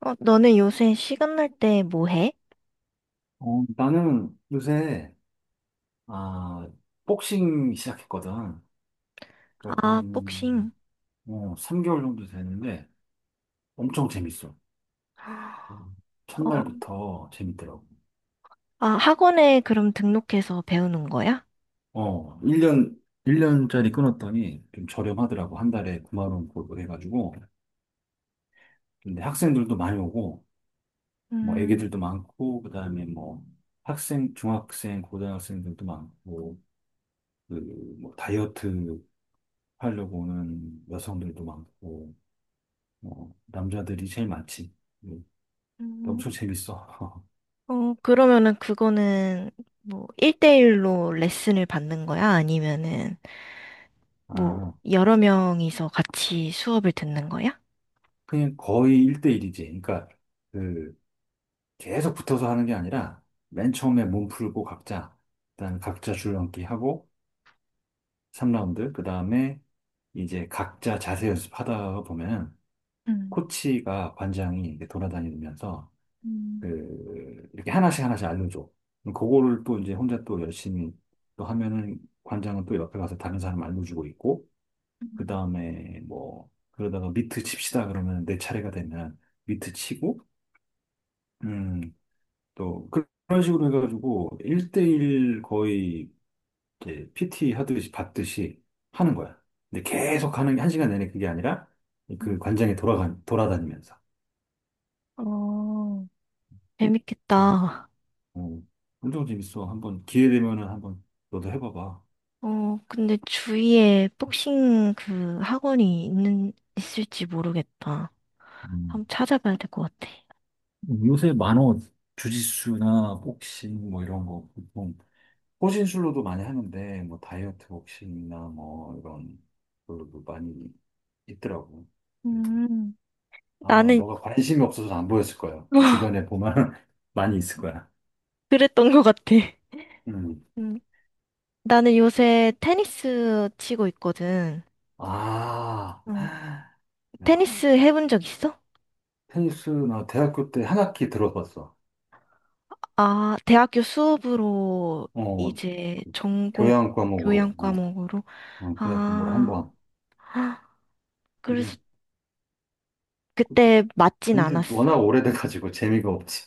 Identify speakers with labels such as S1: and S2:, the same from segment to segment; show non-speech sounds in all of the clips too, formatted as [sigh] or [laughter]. S1: 너는 요새 시간 날 때 뭐 해?
S2: 나는 요새, 아, 복싱 시작했거든. 그래갖고
S1: 아, 복싱.
S2: 3개월 정도 됐는데, 엄청 재밌어.
S1: 어,
S2: 첫날부터 재밌더라고.
S1: 아, 학원에 그럼 등록해서 배우는 거야?
S2: 어, 1년, 일 년짜리 끊었더니 좀 저렴하더라고. 한 달에 9만 원 골고 해가지고. 근데 학생들도 많이 오고, 뭐
S1: 음.
S2: 애기들도 많고, 그다음에 뭐 학생, 중학생, 고등학생들도 많고, 그 뭐 다이어트 하려고 오는 여성들도 많고, 남자들이 제일 많지. 음,
S1: 음.
S2: 엄청 재밌어. [laughs]
S1: 그러면은 그거는 뭐 1대1로 레슨을 받는 거야? 아니면은 뭐
S2: 아,
S1: 여러 명이서 같이 수업을 듣는 거야?
S2: 그냥 거의 1대1이지. 그, 계속 붙어서 하는 게 아니라, 맨 처음에 몸 풀고 각자, 일단 각자 줄넘기 하고, 3라운드, 그 다음에 이제 각자 자세 연습하다 보면,
S1: 음.
S2: 코치가 관장이 이렇게 돌아다니면서,
S1: 음.
S2: 이렇게 하나씩 하나씩 알려줘. 그럼 그거를 또 이제 혼자 또 열심히 또 하면은, 관장은 또 옆에 가서 다른 사람 알려주고 있고, 그
S1: 음.
S2: 다음에 뭐 그러다가 미트 칩시다 그러면 내 차례가 되면 미트 치고 음 또 그런 식으로 해가지고 1대1 거의 이제 PT 하듯이 받듯이 하는 거야. 근데 계속 하는 게 한 시간 내내 그게 아니라 그
S1: 음.
S2: 관장에 돌아가 돌아다니면서.
S1: 어,
S2: 음.
S1: 재밌겠다.
S2: 어, 엄청 재밌어. 한번 기회 되면은 한번 너도 해봐봐.
S1: 근데 주위에 복싱 그 학원이 있을지 모르겠다.
S2: 음,
S1: 한번 찾아봐야 될 것 같아.
S2: 요새 만원 주짓수나 복싱 뭐 이런 거 보통 호신술로도 많이 하는데 뭐 다이어트 복싱이나 뭐 이런 걸로도 많이 있더라고. 그래서
S1: 음.
S2: 아마
S1: 나는,
S2: 너가 [laughs] 관심이 없어서 안 보였을 거야.
S1: [laughs]
S2: 주변에 보면 [laughs] 많이 있을 거야.
S1: 그랬던 것 같아.
S2: 음.
S1: 음. 나는 요새 테니스 치고 있거든.
S2: 아,
S1: 어.
S2: 야,
S1: 테니스 해본 적 있어?
S2: 테니스 나 대학교 때 한 학기 들어봤어.
S1: 아, 대학교 수업으로
S2: 어,
S1: 이제
S2: 그
S1: 전공
S2: 교양
S1: 교양
S2: 과목으로,
S1: 과목으로.
S2: 어, 교양 과목으로 한
S1: 아,
S2: 번.
S1: [gasps] 헉, 그래서
S2: 근데
S1: 그때 맞진
S2: 근데 워낙
S1: 않았어?
S2: 오래돼가지고 재미가 없지.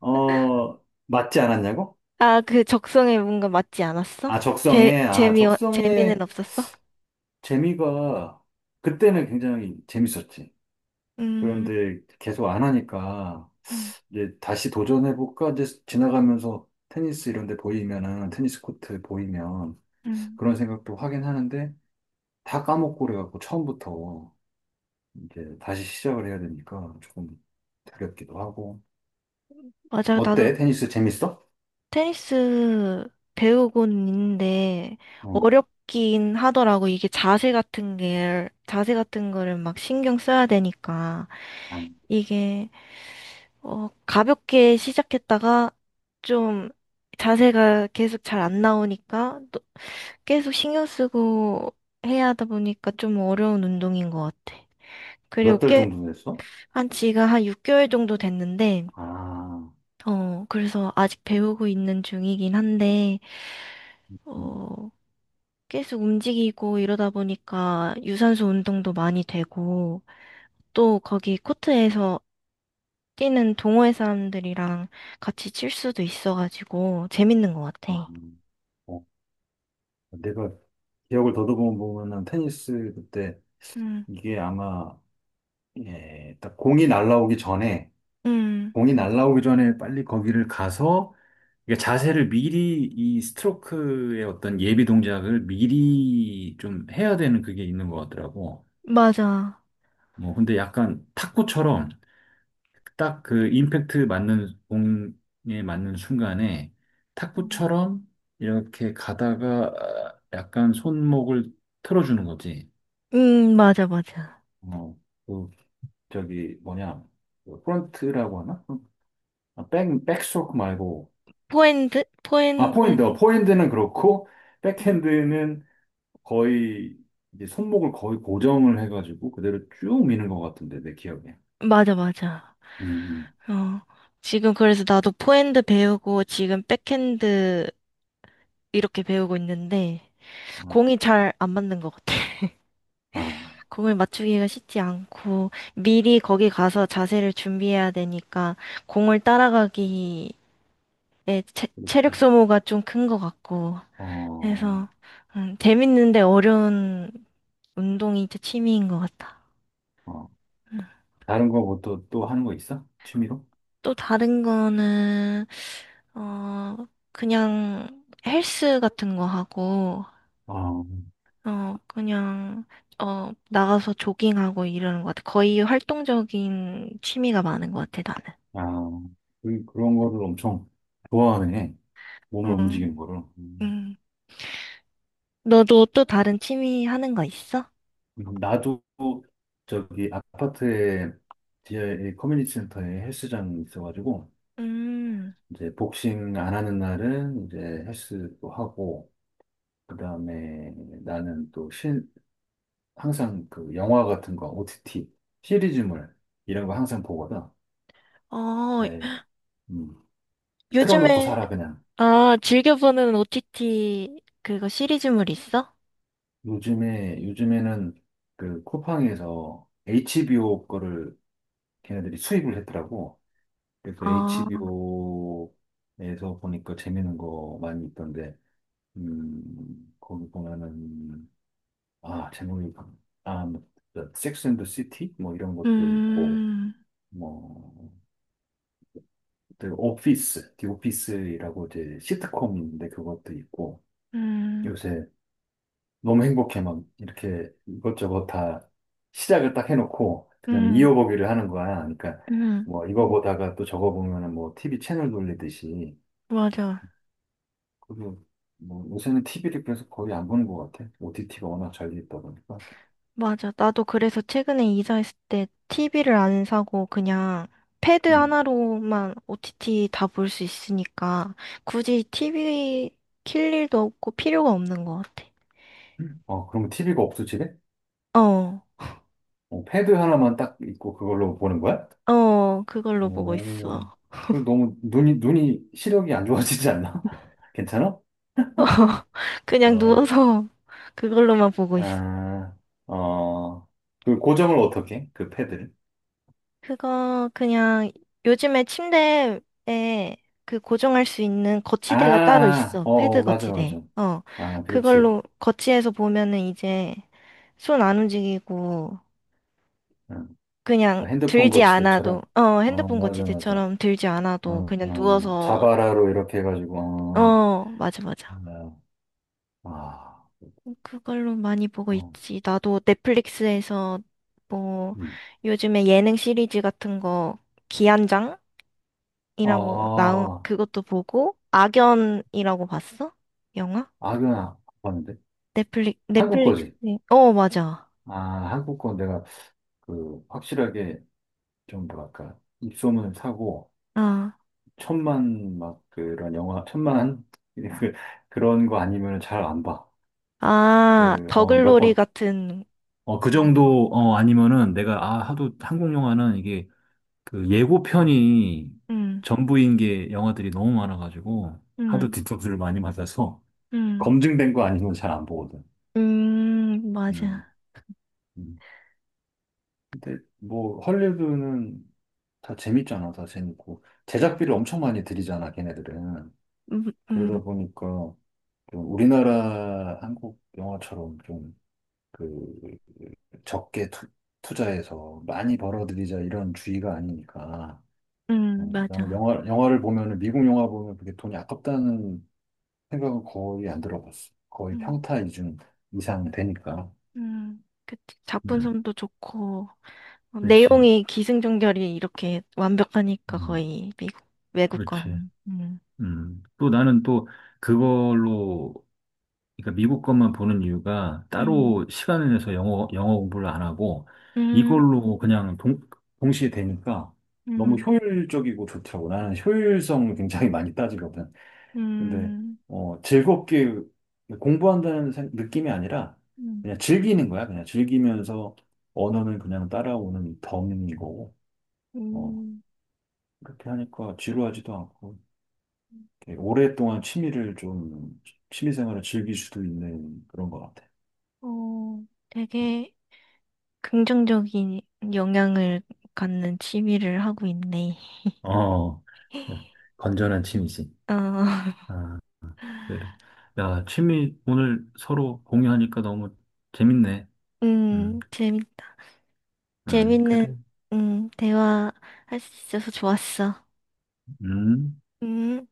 S2: 어, 맞지 않았냐고?
S1: 아, 그 적성에 뭔가 맞지 않았어?
S2: 아,
S1: 재,
S2: 적성에, 아,
S1: 재미, 재미는
S2: 적성에.
S1: 없었어?
S2: 재미가 그때는 굉장히 재밌었지.
S1: 음.
S2: 그런데 계속 안 하니까
S1: 음.
S2: 이제 다시 도전해볼까 이제 지나가면서 테니스 이런 데 보이면은 테니스 코트 보이면
S1: 음.
S2: 그런 생각도 하긴 하는데 다 까먹고 그래갖고 처음부터 이제 다시 시작을 해야 되니까 조금 두렵기도 하고
S1: 맞아. 나도
S2: 어때? 테니스 재밌어?
S1: 테니스 배우고는 있는데,
S2: 어.
S1: 어렵긴 하더라고. 이게 자세 같은 거를 막 신경 써야 되니까. 이게, 가볍게 시작했다가, 좀, 자세가 계속 잘 안 나오니까, 또 계속 신경 쓰고 해야 하다 보니까 좀 어려운 운동인 것 같아. 그리고
S2: 몇 달 정도 됐어?
S1: 한 지가 한 6개월 정도 됐는데,
S2: 아,
S1: 그래서 아직 배우고 있는 중이긴 한데,
S2: 음,
S1: 어, 계속 움직이고 이러다 보니까 유산소 운동도 많이 되고, 또 거기 코트에서 뛰는 동호회 사람들이랑 같이 칠 수도 있어가지고, 재밌는 것
S2: 아,
S1: 같아.
S2: 어, 내가 기억을 더듬어 보면은 테니스 그때
S1: 음.
S2: 이게 아마 예, 딱 공이 날라오기 전에
S1: 음.
S2: 공이 날라오기 전에 빨리 거기를 가서 이게 자세를 미리 이 스트로크의 어떤 예비 동작을 미리 좀 해야 되는 그게 있는 것 같더라고.
S1: 맞아.
S2: 뭐 근데 약간 탁구처럼 딱 그 임팩트 맞는 공에 맞는 순간에
S1: 응.
S2: 탁구처럼 이렇게 가다가 약간 손목을 틀어주는 거지.
S1: 음. 맞아, 맞아.
S2: 어, 그 저기 뭐냐? 그 프런트라고 하나? 아, 백, 백스트로크 말고.
S1: 포핸드?
S2: 아,
S1: 포핸드?
S2: 포핸드. 어, 포핸드는 그렇고,
S1: 음.
S2: 백핸드는 거의, 이제 손목을 거의 고정을 해가지고 그대로 쭉 미는 것 같은데, 내 기억에.
S1: 맞아, 맞아.
S2: 음,
S1: 어, 지금 그래서 나도 포핸드 배우고 지금 백핸드 이렇게 배우고 있는데
S2: 어,
S1: 공이 잘 안 맞는 것 같아. [laughs]
S2: 아,
S1: 공을 맞추기가 쉽지 않고 미리 거기 가서 자세를 준비해야 되니까 공을 따라가기에 체력
S2: 그렇지.
S1: 소모가 좀 큰 것 같고
S2: 어,
S1: 해서 재밌는데 어려운 운동이 진짜 취미인 것 같아.
S2: 어.
S1: 음.
S2: 다른 거 뭐 또, 또 하는 거 있어? 취미로?
S1: 또 다른 거는 어 그냥 헬스 같은 거 하고
S2: 어,
S1: 그냥, 나가서 조깅하고 이러는 것 같아. 거의 활동적인 취미가 많은 것 같아, 나는.
S2: 아, 그런 거를 엄청 좋아하네. 몸을 움직이는
S1: 응.
S2: 거를. 음.
S1: 응. 너도 또 다른 취미 하는 거 있어?
S2: 나도 저기 아파트에, 지하에 커뮤니티 센터에 헬스장 있어가지고,
S1: 음.
S2: 이제 복싱 안 하는 날은 이제 헬스도 하고, 그 다음에 나는 또 신, 항상 그 영화 같은 거, OTT, 시리즈물, 이런 거 항상 보거든.
S1: 어,
S2: 아예, 음, 틀어놓고
S1: 요즘에,
S2: 살아, 그냥.
S1: 아, 즐겨보는 OTT 그거 시리즈물 있어?
S2: 요즘에는 그 쿠팡에서 HBO 거를 걔네들이 수입을 했더라고. 그래서
S1: 아.
S2: HBO에서 보니까 재밌는 거 많이 있던데, 거기 보면은 아, 제목이, 아, 뭐, 섹스 앤더 시티? 뭐 이런 것도 있고,
S1: 음.
S2: 뭐, 그 오피스, 디 오피스라고 이제 시트콤인데 그것도 있고,
S1: 음.
S2: 요새 너무 행복해 막 이렇게 이것저것 다 시작을 딱 해놓고, 그다음에
S1: 음.
S2: 이어보기를 하는 거야. 그러니까
S1: 음.
S2: 뭐 이거 보다가 또 저거 보면은 뭐 TV 채널 돌리듯이,
S1: 맞아.
S2: 그리고 뭐 요새는 TV를 그래서 거의 안 보는 것 같아. OTT가 워낙 잘 돼 있다 보니까.
S1: 맞아. 나도 그래서 최근에 이사했을 때 TV를 안 사고 그냥 패드
S2: 음.
S1: 하나로만 OTT 다 볼 수 있으니까 굳이 TV 킬 일도 없고 필요가 없는 것 같아.
S2: 어, 그럼 TV가 없어, 지
S1: 어,
S2: 어, 패드 하나만 딱 있고 그걸로 보는 거야?
S1: 어, 그걸로 보고
S2: 오,
S1: 있어.
S2: 그 너무 눈이, 눈이 시력이 안 좋아지지 않나? [laughs] 괜찮아?
S1: 그냥
S2: 어,
S1: 누워서 [laughs] 그걸로만 보고 있어.
S2: 아, 어, 그 고정을 어떻게 해? 그 패드를?
S1: 그거 그냥 요즘에 침대에 그 고정할 수 있는 거치대가 따로
S2: 아,
S1: 있어.
S2: 어,
S1: 패드
S2: 어, 맞아,
S1: 거치대.
S2: 맞아.
S1: 어.
S2: 아, 그렇지.
S1: 그걸로 거치해서 보면은 이제 손 안 움직이고
S2: 어,
S1: 그냥
S2: 핸드폰
S1: 들지 않아도
S2: 거치대처럼. 어,
S1: 핸드폰
S2: 맞아, 맞아.
S1: 거치대처럼 들지 않아도 그냥 누워서
S2: 자바라로 이렇게 해가지고, 어,
S1: 어, 맞아 맞아.
S2: 아,
S1: 그걸로 많이 보고
S2: 어,
S1: 있지. 나도 넷플릭스에서 뭐
S2: 음.
S1: 요즘에 예능 시리즈 같은 거 기안장
S2: 아,
S1: 이라고 나온
S2: 아,
S1: 그것도 보고 악연이라고 봤어? 영화?
S2: 아. 아, 그건 안 봤는데.
S1: 넷플릭
S2: 한국
S1: 넷플릭스.
S2: 거지.
S1: 어, 맞아.
S2: 아, 한국 건 내가 그 확실하게 좀 뭐랄까 입소문을 사고
S1: 아.
S2: 천만 [laughs] 그 그런 거 아니면 잘 안 봐.
S1: 아,
S2: 그 어 몇
S1: 더글로리
S2: 번.
S1: 같은
S2: 어, 그
S1: 거.
S2: 정도, 어, 아니면은 내가, 아, 하도 한국 영화는 이게 그 예고편이
S1: 음.
S2: 전부인 게 영화들이 너무 많아가지고 하도
S1: 음.
S2: 뒤통수를 많이 맞아서
S1: 음.
S2: 검증된 거 아니면 잘 안 보거든.
S1: 음.
S2: 음.
S1: 맞아.
S2: 음. 근데 뭐 헐리우드는 다 재밌잖아, 다 재밌고
S1: 그
S2: 제작비를 엄청 많이 들이잖아, 걔네들은.
S1: 음. 음.
S2: 그러다 보니까 좀 우리나라 한국 영화처럼 그 적게 투, 투자해서 많이 벌어들이자 이런 주의가 아니니까.
S1: 음.
S2: 어, 나는
S1: 맞아.
S2: 영화를 보면은 미국 영화 보면 그게 돈이 아깝다는 생각은 거의 안 들어봤어. 거의
S1: 음.
S2: 평타 이중 이상 되니까.
S1: 음. 그치.
S2: 음,
S1: 작품성도 좋고
S2: 그렇지.
S1: 내용이 기승전결이 이렇게 완벽하니까
S2: 음,
S1: 거의 미국 외국
S2: 그렇지.
S1: 거는. 음.
S2: 또 나는 또 그걸로, 그러니까 미국 것만 보는 이유가
S1: 음.
S2: 따로 시간을 내서 영어 공부를 안 하고
S1: 음.
S2: 이걸로 동시에 되니까 너무
S1: 음.
S2: 효율적이고 좋더라고. 나는 효율성을 굉장히 많이 따지거든. 근데,
S1: 음.
S2: 어, 즐겁게 느낌이 아니라
S1: 음.
S2: 그냥 즐기는 거야. 그냥 즐기면서 언어는 그냥 따라오는 덤이고 어,
S1: 음.
S2: 그렇게 하니까 지루하지도 않고. 이렇게 오랫동안 취미 생활을 즐길 수도 있는 그런 것 같아.
S1: 어, 되게 긍정적인 영향을 갖는 취미를 하고 있네.
S2: 어, 네. 건전한 취미지.
S1: 어,
S2: 아,
S1: [laughs]
S2: 그래. 야, 취미 오늘 서로 공유하니까 너무 재밌네. 음,
S1: 음. 재밌다. 재밌는,
S2: 그래.
S1: 음. 대화 할 수 있어서 좋았어.
S2: 음.
S1: 음.